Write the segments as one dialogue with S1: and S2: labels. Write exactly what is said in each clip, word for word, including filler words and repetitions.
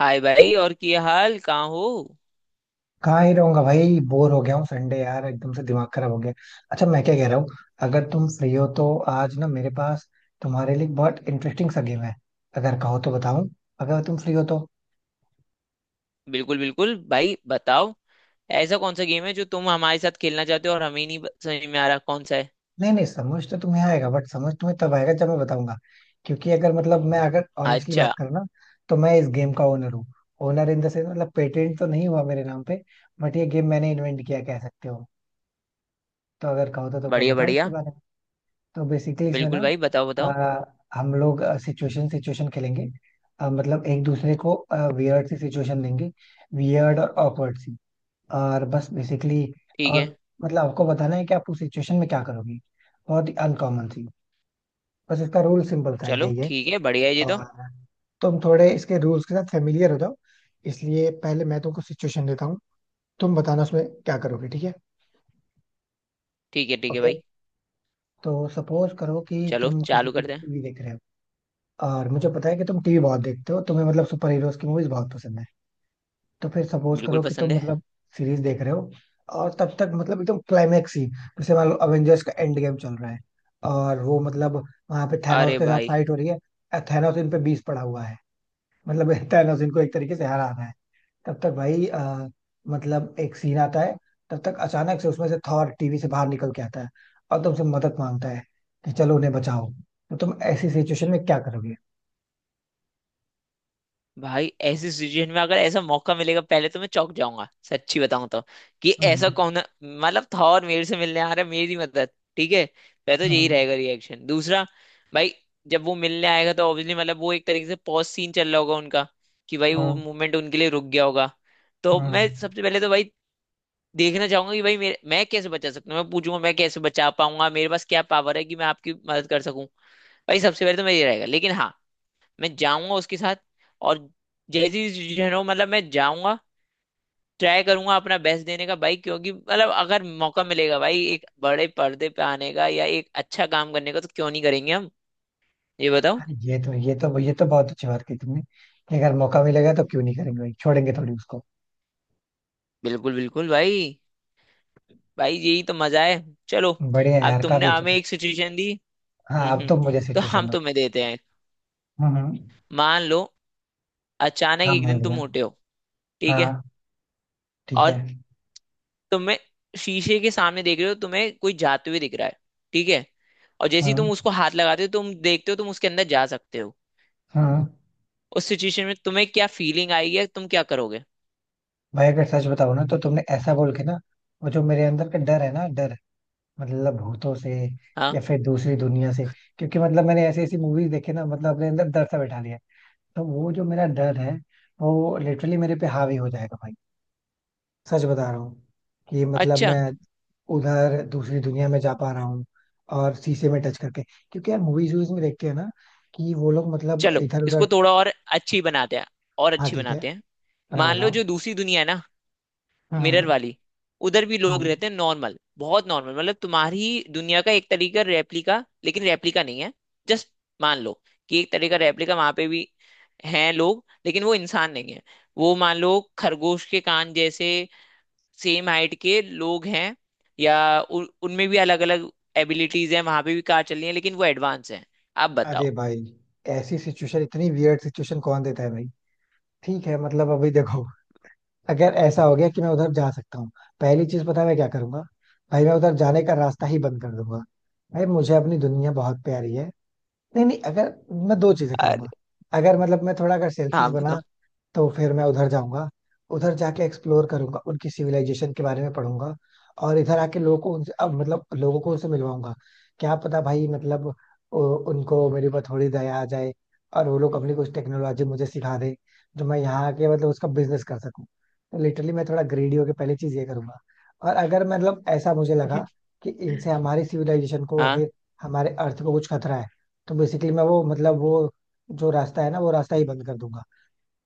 S1: हाय भाई, और क्या हाल? कहाँ हो?
S2: कहाँ ही रहूंगा भाई बोर हो गया हूँ संडे यार एकदम से दिमाग खराब हो गया। अच्छा मैं क्या कह रहा हूँ। अगर तुम फ्री हो तो आज ना मेरे पास तुम्हारे लिए एक बहुत इंटरेस्टिंग सा गेम है। अगर कहो तो बताऊं। अगर तुम फ्री हो तो।
S1: बिल्कुल बिल्कुल भाई, बताओ। ऐसा कौन सा गेम है जो तुम हमारे साथ खेलना चाहते हो और हमें नहीं ब- समझ में आ रहा कौन सा है।
S2: नहीं नहीं समझ तो तुम्हें आएगा बट समझ तुम्हें तब आएगा जब मैं बताऊंगा। क्योंकि अगर मतलब मैं अगर ऑनेस्टली बात
S1: अच्छा।
S2: करूँ ना तो मैं इस गेम का ओनर हूँ। ओनर इन द सेंस मतलब पेटेंट तो नहीं हुआ मेरे नाम पे। बट ये गेम मैंने इन्वेंट किया कह सकते हो। तो अगर कहो तो तुमको
S1: बढ़िया
S2: बताओ इसके
S1: बढ़िया।
S2: बारे में। तो बेसिकली इसमें ना
S1: बिल्कुल भाई, बताओ बताओ।
S2: अ, हम लोग सिचुएशन सिचुएशन खेलेंगे। अ, मतलब एक दूसरे को वियर्ड सी सिचुएशन देंगे। वियर्ड और awkward सी। और बस बेसिकली
S1: ठीक है।
S2: और मतलब आपको बताना है कि आप उस सिचुएशन में क्या करोगे। बहुत ही अनकॉमन सी। बस इसका रूल सिंपल था ये
S1: चलो
S2: ये
S1: ठीक है, बढ़िया है ये तो।
S2: और तुम थोड़े इसके रूल्स के साथ फेमिलियर हो जाओ इसलिए पहले मैं तुमको सिचुएशन देता हूँ। तुम बताना उसमें क्या करोगे। ठीक है।
S1: ठीक है ठीक है
S2: ओके।
S1: भाई।
S2: तो सपोज करो कि
S1: चलो
S2: तुम किसी
S1: चालू
S2: दिन
S1: करते हैं।
S2: टीवी देख रहे हो और मुझे पता है कि तुम टीवी बहुत देखते हो तुम्हें मतलब सुपर हीरोज की मूवीज बहुत पसंद है। तो फिर सपोज
S1: बिल्कुल
S2: करो कि
S1: पसंद
S2: तुम
S1: है।
S2: मतलब सीरीज देख रहे हो। और तब तक मतलब एकदम क्लाइमेक्स ही जैसे मान लो अवेंजर्स का एंड गेम चल रहा है और वो मतलब वहां पे थैनोस
S1: अरे
S2: के साथ
S1: भाई।
S2: फाइट हो रही है। थैनोस इन पे बीस पड़ा हुआ है। मतलब थैनोस इनको एक तरीके से हराना है। तब तक भाई अ, मतलब एक सीन आता है। तब तक अचानक से उसमें से थॉर टीवी से बाहर निकल के आता है और तुमसे मदद मांगता है कि चलो उन्हें बचाओ। तो तुम ऐसी सिचुएशन में क्या करोगे।
S1: भाई ऐसी सिचुएशन में अगर ऐसा मौका मिलेगा, पहले तो मैं चौंक जाऊंगा, सच्ची बताऊं तो। कि ऐसा
S2: हम्म।
S1: कौन मतलब था और मेरे से मिलने आ रहा है मेरी मदद। ठीक है। पहले तो यही
S2: हाँ।
S1: रहेगा रिएक्शन। दूसरा, भाई, जब वो मिलने आएगा तो ऑब्वियसली मतलब वो एक तरीके से पॉज सीन चल रहा होगा उनका। कि भाई वो
S2: हाँ।
S1: मूवमेंट उनके लिए रुक गया होगा। तो
S2: हाँ।
S1: मैं सबसे पहले तो भाई देखना चाहूंगा कि भाई मेरे, मैं कैसे बचा सकता हूँ, मैं पूछूंगा मैं कैसे बचा पाऊंगा, मेरे पास क्या पावर है कि मैं आपकी मदद कर सकूं। भाई सबसे पहले तो मैं ये रहेगा, लेकिन हाँ, मैं जाऊंगा उसके साथ। और जैसी सिचुएशन हो मतलब मैं जाऊंगा, ट्राई करूंगा अपना बेस्ट देने का, भाई क्योंकि मतलब अगर मौका मिलेगा भाई एक बड़े पर्दे पे आने का या एक अच्छा काम करने का, तो क्यों नहीं करेंगे हम। ये बताओ।
S2: हाँ, ये तो ये तो ये तो बहुत अच्छी बात की तुमने कि अगर मौका मिलेगा तो क्यों नहीं करेंगे भाई छोड़ेंगे थोड़ी उसको।
S1: बिल्कुल बिल्कुल भाई। भाई यही तो मजा है। चलो।
S2: बढ़िया है
S1: अब
S2: यार
S1: तुमने
S2: काफी अच्छा
S1: हमें
S2: था।
S1: एक सिचुएशन दी।
S2: हाँ
S1: हम्म
S2: अब
S1: हम्म,
S2: तो मुझे
S1: तो
S2: सिचुएशन
S1: हम
S2: दो।
S1: तुम्हें देते हैं।
S2: हम्म हम्म।
S1: मान लो अचानक
S2: हाँ
S1: एक
S2: मान
S1: दिन तुम
S2: लिया।
S1: मोटे हो। ठीक है।
S2: हाँ ठीक है।
S1: और तुम्हें शीशे के सामने देख रहे हो, तुम्हें कोई जाते हुए दिख रहा है। ठीक है। और जैसे ही
S2: हाँ।
S1: तुम उसको हाथ लगाते हो, तुम देखते हो तुम उसके अंदर जा सकते हो।
S2: हाँ
S1: उस सिचुएशन में तुम्हें क्या फीलिंग आएगी या तुम क्या करोगे?
S2: भाई अगर सच बताओ ना तो तुमने ऐसा बोल के ना वो जो मेरे अंदर का डर है ना डर मतलब भूतों से
S1: हाँ।
S2: या फिर दूसरी दुनिया से। क्योंकि मतलब मैंने ऐसी ऐसी मूवीज देखी ना मतलब अपने अंदर डर सा बैठा लिया है। तो वो जो मेरा डर है वो लिटरली मेरे पे हावी हो जाएगा भाई सच बता रहा हूँ कि मतलब
S1: अच्छा।
S2: मैं उधर दूसरी दुनिया में जा पा रहा हूँ और शीशे में टच करके क्योंकि यार मूवीज वूवीज में देखते हैं ना कि वो लोग मतलब
S1: चलो
S2: इधर
S1: इसको
S2: उधर।
S1: थोड़ा और अच्छी बनाते हैं। और
S2: हाँ
S1: अच्छी
S2: ठीक है।
S1: बनाते हैं।
S2: बनाओ
S1: मान लो
S2: बनाओ।
S1: जो दूसरी दुनिया है ना, मिरर
S2: हम्म
S1: वाली, उधर भी लोग
S2: हम्म।
S1: रहते हैं नॉर्मल, बहुत नॉर्मल मतलब तुम्हारी दुनिया का एक तरीका रेप्लिका, लेकिन रेप्लिका नहीं है। जस्ट मान लो कि एक तरीका रेप्लिका वहां पे भी हैं लोग, लेकिन वो इंसान नहीं है। वो मान लो खरगोश के कान जैसे सेम हाइट के लोग हैं। या उन- उनमें भी अलग अलग एबिलिटीज हैं, वहां पे भी कार चल रही है लेकिन वो एडवांस हैं। आप
S2: अरे
S1: बताओ।
S2: भाई ऐसी सिचुएशन इतनी वियर्ड सिचुएशन कौन देता है भाई। ठीक है मतलब अभी देखो अगर ऐसा हो गया कि मैं उधर जा सकता हूँ पहली चीज पता है मैं क्या करूंगा। भाई मैं उधर जाने का रास्ता ही बंद कर दूंगा। भाई मुझे अपनी दुनिया बहुत प्यारी है। नहीं नहीं अगर मैं दो चीजें करूंगा। अगर मतलब मैं थोड़ा अगर सेल्फिश
S1: हाँ।
S2: बना तो फिर मैं उधर जाऊंगा। उधर जाके एक्सप्लोर करूंगा उनकी सिविलाइजेशन के बारे में पढ़ूंगा। और इधर आके लोगों को उनसे अब मतलब लोगों को उनसे मिलवाऊंगा। क्या पता भाई मतलब उ- उनको मेरे ऊपर थोड़ी दया आ जाए और वो लोग अपनी कुछ टेक्नोलॉजी मुझे सिखा दे जो मैं यहाँ आके मतलब उसका बिजनेस कर सकूं। तो लिटरली मैं थोड़ा ग्रेडी होके पहली चीज ये करूंगा। और अगर मतलब ऐसा मुझे लगा कि इनसे हमारी सिविलाइजेशन को या
S1: हाँ।
S2: फिर हमारे अर्थ को कुछ खतरा है तो बेसिकली मैं वो मतलब वो जो रास्ता है ना वो रास्ता ही बंद कर दूंगा।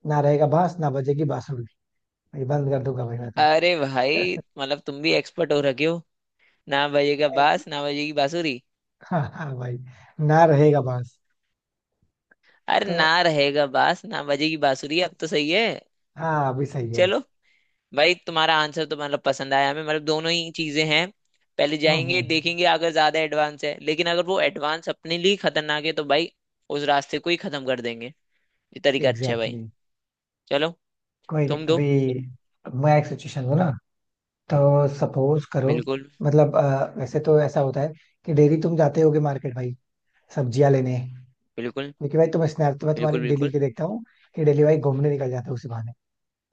S2: ना रहेगा बांस ना बजेगी बांसुरी भाई। बंद कर दूंगा भाई मैं
S1: अरे
S2: तो।
S1: भाई मतलब तुम भी एक्सपर्ट हो रखे हो। ना बजेगा
S2: एक-
S1: बास ना बजेगी बांसुरी।
S2: हाँ हाँ भाई ना रहेगा बांस।
S1: अरे
S2: तो
S1: ना रहेगा बास ना बजेगी बांसुरी, अब तो सही है।
S2: हाँ अभी सही है।
S1: चलो। भाई तुम्हारा आंसर तो मतलब पसंद आया हमें, मतलब दोनों ही चीजें हैं। पहले
S2: हम्म
S1: जाएंगे
S2: हम्म।
S1: देखेंगे अगर ज्यादा एडवांस है, लेकिन अगर वो एडवांस अपने लिए खतरनाक है तो भाई उस रास्ते को ही खत्म कर देंगे। ये तरीका अच्छा है
S2: एग्जैक्टली
S1: भाई।
S2: exactly.
S1: चलो,
S2: कोई नहीं
S1: तुम दो।
S2: अभी मैं एक सिचुएशन हूँ ना तो सपोज करो
S1: बिल्कुल
S2: मतलब अ, वैसे तो ऐसा होता है कि डेली तुम जाते होगे मार्केट भाई सब्जियां लेने।
S1: बिल्कुल
S2: क्योंकि भाई तुम स्नैप तो मैं तुम्हारी
S1: बिल्कुल
S2: डेली
S1: बिल्कुल
S2: के देखता हूँ कि डेली भाई घूमने निकल जाते हो उसी बहाने।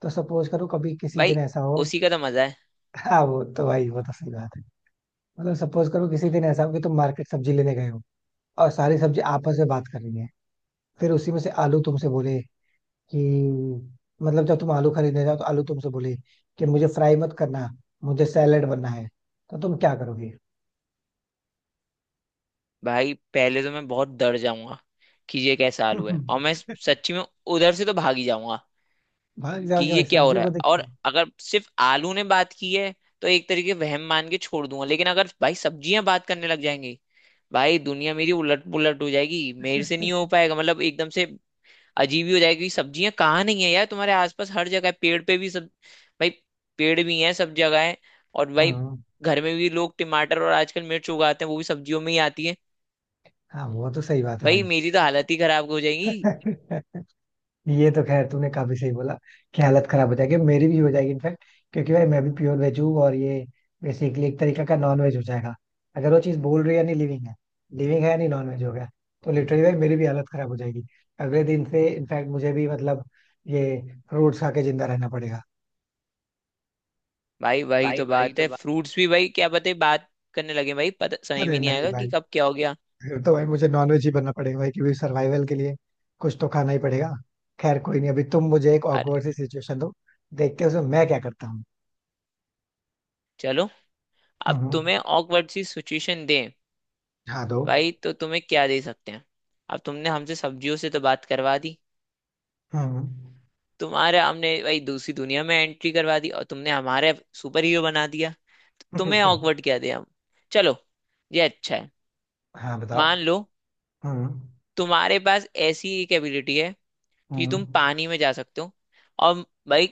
S2: तो सपोज करो कभी किसी
S1: भाई,
S2: दिन ऐसा हो।
S1: उसी का तो मजा है।
S2: हाँ वो तो भाई वो तो सही बात है। मतलब सपोज करो किसी दिन ऐसा हो कि तुम मार्केट सब्जी लेने गए हो और सारी सब्जी आपस में बात कर रही है। फिर उसी में से आलू तुमसे बोले कि मतलब जब तुम आलू खरीदने जाओ तो आलू तुमसे बोले कि मुझे फ्राई मत करना मुझे सैलेड बनना है। तो तुम क्या करोगे।
S1: भाई पहले तो मैं बहुत डर जाऊंगा, कि ये कैसा आलू है, और मैं सच्ची में उधर से तो भाग ही जाऊंगा।
S2: भाग
S1: कि
S2: जाओगे
S1: ये
S2: भाई
S1: क्या हो
S2: सब्जियों
S1: रहा
S2: को
S1: है।
S2: देख
S1: और
S2: के।
S1: अगर सिर्फ आलू ने बात की है तो एक तरीके वहम मान के छोड़ दूंगा, लेकिन अगर भाई सब्जियां बात करने लग जाएंगी, भाई दुनिया मेरी उलट पुलट हो जाएगी, मेरे से नहीं हो पाएगा मतलब एकदम से अजीब ही हो जाएगी। सब्जियां कहाँ नहीं है यार, तुम्हारे आसपास हर जगह है, पेड़ पे भी सब, भाई पेड़ भी हैं, सब जगह है। और भाई
S2: हाँ
S1: घर में भी लोग टमाटर और आजकल मिर्च उगाते हैं, वो भी सब्जियों में ही आती है।
S2: हाँ वो तो सही बात है
S1: भाई मेरी तो हालत ही खराब हो जाएगी।
S2: भाई। ये तो खैर तूने काफी सही बोला कि हालत खराब हो जाएगी मेरी भी हो जाएगी इनफैक्ट क्योंकि भाई मैं भी प्योर वेज हूँ और ये बेसिकली एक तरीका का नॉन वेज हो जाएगा। अगर वो चीज बोल रही है नहीं लिविंग है लिविंग है या नहीं नॉन वेज हो गया। तो लिटरली भाई मेरी भी हालत खराब हो जाएगी अगले दिन से इनफैक्ट मुझे भी मतलब ये फ्रूट्स खा के जिंदा रहना पड़ेगा।
S1: भाई वही
S2: भाई
S1: तो
S2: भाई
S1: बात
S2: तो
S1: है,
S2: बात।
S1: फ्रूट्स भी भाई क्या पता ही बात करने लगे, भाई पता समझ
S2: अरे
S1: भी नहीं
S2: नहीं
S1: आएगा
S2: भाई
S1: कि कब क्या हो गया।
S2: फिर तो भाई मुझे नॉनवेज ही बनना पड़ेगा भाई क्योंकि सर्वाइवल के लिए कुछ तो खाना ही पड़ेगा। खैर कोई नहीं अभी तुम मुझे एक
S1: अरे
S2: ऑकवर्ड सी सिचुएशन दो देखते हैं उसमें मैं क्या करता हूँ।
S1: चलो,
S2: हम्म,
S1: अब
S2: हम्म।
S1: तुम्हें ऑकवर्ड सी सिचुएशन दें।
S2: हाँ दो।
S1: भाई तो तुम्हें क्या दे सकते हैं, अब तुमने हमसे सब्जियों से तो बात करवा दी,
S2: हम्म।
S1: तुम्हारे हमने भाई दूसरी दुनिया में एंट्री करवा दी, और तुमने हमारे सुपर हीरो बना दिया, तो तुम्हें ऑकवर्ड क्या दे हम। चलो, ये अच्छा है।
S2: हाँ बताओ।
S1: मान लो
S2: हम्म
S1: तुम्हारे पास ऐसी एक एबिलिटी है कि तुम
S2: हम्म।
S1: पानी में जा सकते हो, और भाई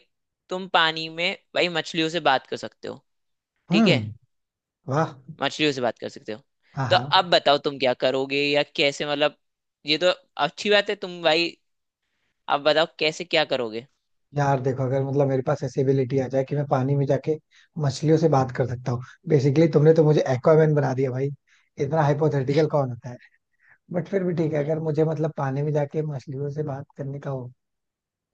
S1: तुम पानी में भाई मछलियों से बात कर सकते हो। ठीक है,
S2: हम्म, वाह।
S1: मछलियों से बात कर सकते हो।
S2: हाँ
S1: तो
S2: हाँ।
S1: अब बताओ तुम क्या करोगे या कैसे मतलब ये तो अच्छी बात है तुम भाई, अब बताओ कैसे क्या करोगे।
S2: यार देखो अगर मतलब मेरे पास ऐसी एबिलिटी आ जाए कि मैं पानी में जाके मछलियों से बात कर सकता हूँ बेसिकली तुमने तो मुझे एक्वामैन बना दिया भाई। इतना हाइपोथेटिकल कौन होता है। बट फिर भी ठीक है अगर मुझे मतलब पानी में जाके मछलियों से बात करने का हो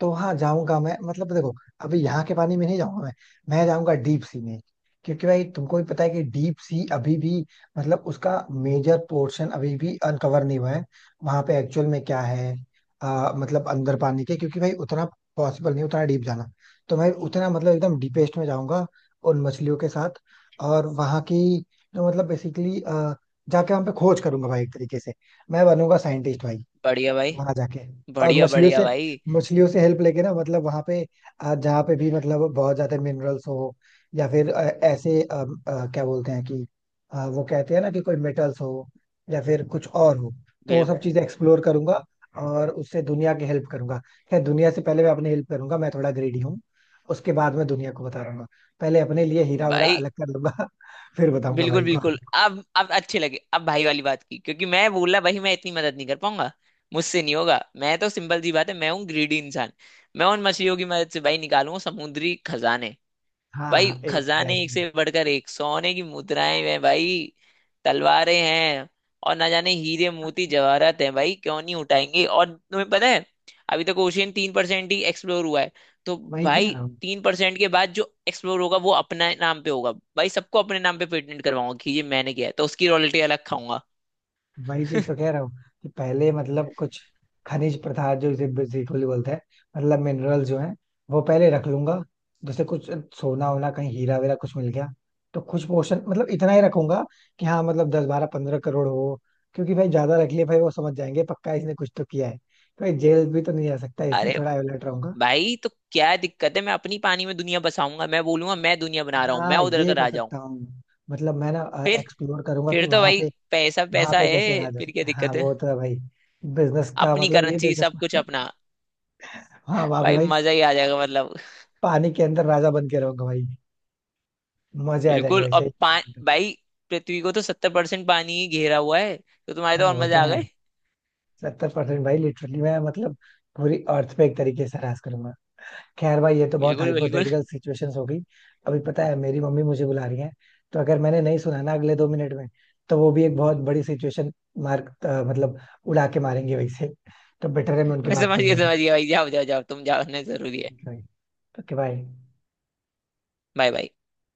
S2: तो हाँ जाऊंगा मैं मतलब देखो। अभी यहाँ के पानी में नहीं जाऊंगा मैं। मैं जाऊंगा डीप सी में। क्योंकि भाई तुमको भी पता है कि डीप सी अभी भी मतलब उसका मेजर पोर्शन अभी भी अनकवर नहीं हुआ है। वहां पे एक्चुअल में क्या है आ, मतलब अंदर पानी के क्योंकि भाई उतना पॉसिबल नहीं उतना डीप जाना। तो मैं उतना मतलब एकदम डीपेस्ट में जाऊंगा उन मछलियों के साथ। और वहां की जो मतलब बेसिकली जाके वहां पे खोज करूंगा भाई एक तरीके से मैं बनूंगा साइंटिस्ट भाई
S1: बढ़िया भाई।
S2: वहां जाके। और
S1: बढ़िया
S2: मछलियों
S1: बढ़िया
S2: से
S1: भाई।
S2: मछलियों से हेल्प लेके ना मतलब वहां पे आ, जहाँ पे भी मतलब बहुत ज्यादा मिनरल्स हो या फिर अ, ऐसे अ, अ, क्या बोलते हैं कि अ, वो कहते हैं ना कि कोई मेटल्स हो या फिर कुछ और हो। तो वो सब
S1: बिल्कुल
S2: चीजें एक्सप्लोर करूंगा और उससे दुनिया की हेल्प करूंगा। खैर दुनिया से पहले मैं अपनी हेल्प करूंगा मैं थोड़ा ग्रेडी हूँ। उसके बाद मैं दुनिया को बता दूंगा। पहले अपने लिए हीरा उरा
S1: भाई।
S2: अलग कर लूंगा। फिर बताऊंगा
S1: बिल्कुल
S2: भाई को।
S1: बिल्कुल। अब अब अच्छे लगे, अब भाई वाली बात की, क्योंकि मैं बोला भाई मैं इतनी मदद नहीं कर पाऊंगा, मुझसे नहीं होगा। मैं तो सिंपल सी बात है, मैं हूँ ग्रीडी इंसान। मैं उन मछलियों की मदद से भाई निकालूंगा समुद्री खजाने। भाई
S2: हाँ
S1: खजाने एक
S2: एग्जैक्टली।
S1: से बढ़कर एक, सोने की मुद्राएं हैं भाई, तलवारें हैं, और ना जाने हीरे मोती जवाहरात हैं भाई, क्यों नहीं उठाएंगे। और तुम्हें पता है अभी तक ओशियन तीन परसेंट ही एक्सप्लोर हुआ है। तो
S2: वही कह
S1: भाई
S2: रहा हूँ।
S1: तीन परसेंट के बाद जो एक्सप्लोर होगा वो अपने नाम पे होगा। भाई सबको अपने नाम पे पेटेंट करवाऊंगा कि ये मैंने किया है, तो उसकी रॉयल्टी अलग खाऊंगा।
S2: वही चीज तो कह रहा हूँ कि पहले मतलब कुछ खनिज पदार्थ जो इसे बेसिकली बोलते हैं मतलब मिनरल जो है वो पहले रख लूंगा। जैसे कुछ सोना वोना कहीं हीरा वीरा कुछ मिल गया तो कुछ पोर्शन मतलब इतना ही रखूंगा कि हाँ मतलब दस बारह पंद्रह करोड़ हो। क्योंकि भाई ज्यादा रख लिए भाई वो समझ जाएंगे पक्का इसने कुछ तो किया है। तो ये जेल भी तो नहीं जा सकता इसलिए
S1: अरे
S2: थोड़ा अलर्ट रहूंगा।
S1: भाई तो क्या दिक्कत है, मैं अपनी पानी में दुनिया बसाऊंगा, मैं बोलूंगा मैं दुनिया बना रहा हूँ, मैं
S2: हाँ
S1: उधर का
S2: ये कर
S1: राजा हूँ।
S2: सकता हूँ। मतलब मैं ना
S1: फिर
S2: एक्सप्लोर करूंगा
S1: फिर
S2: कि
S1: तो
S2: वहां
S1: भाई
S2: पे
S1: पैसा
S2: वहां
S1: पैसा
S2: पे कैसे
S1: है,
S2: रहा जा
S1: फिर क्या
S2: सकता है। हाँ
S1: दिक्कत है।
S2: वो तो है भाई। बिजनेस का
S1: अपनी
S2: मतलब ये
S1: करेंसी,
S2: बिजनेस।
S1: सब कुछ अपना।
S2: हाँ वहां पे
S1: भाई
S2: भाई
S1: मजा ही आ जाएगा मतलब।
S2: पानी के अंदर राजा बन के रहोगे भाई मजे आ जाएंगे
S1: बिल्कुल। और
S2: वैसे ही।
S1: पा भाई पृथ्वी को तो सत्तर परसेंट पानी ही घेरा हुआ है, तो तुम्हारे तो
S2: हाँ
S1: और
S2: वो तो
S1: मजा आ
S2: है।
S1: गए।
S2: सत्तर परसेंट भाई लिटरली मैं मतलब पूरी अर्थ पे एक तरीके से राज करूंगा। खैर भाई ये तो बहुत
S1: बिल्कुल बिल्कुल।
S2: हाइपोथेटिकल सिचुएशंस हो गई। अभी पता है मेरी मम्मी मुझे बुला रही है तो अगर मैंने नहीं सुना ना अगले दो मिनट में तो वो भी एक बहुत बड़ी सिचुएशन मार्क मतलब उड़ा के मारेंगे वैसे। तो बेटर है मैं उनकी
S1: मैं
S2: बात
S1: समझ
S2: सुन
S1: गया,
S2: लूँ।
S1: समझ गया भाई, जाओ जाओ जाओ, तुम जाओ, नहीं जरूरी है।
S2: ओके भाई।
S1: Bye bye.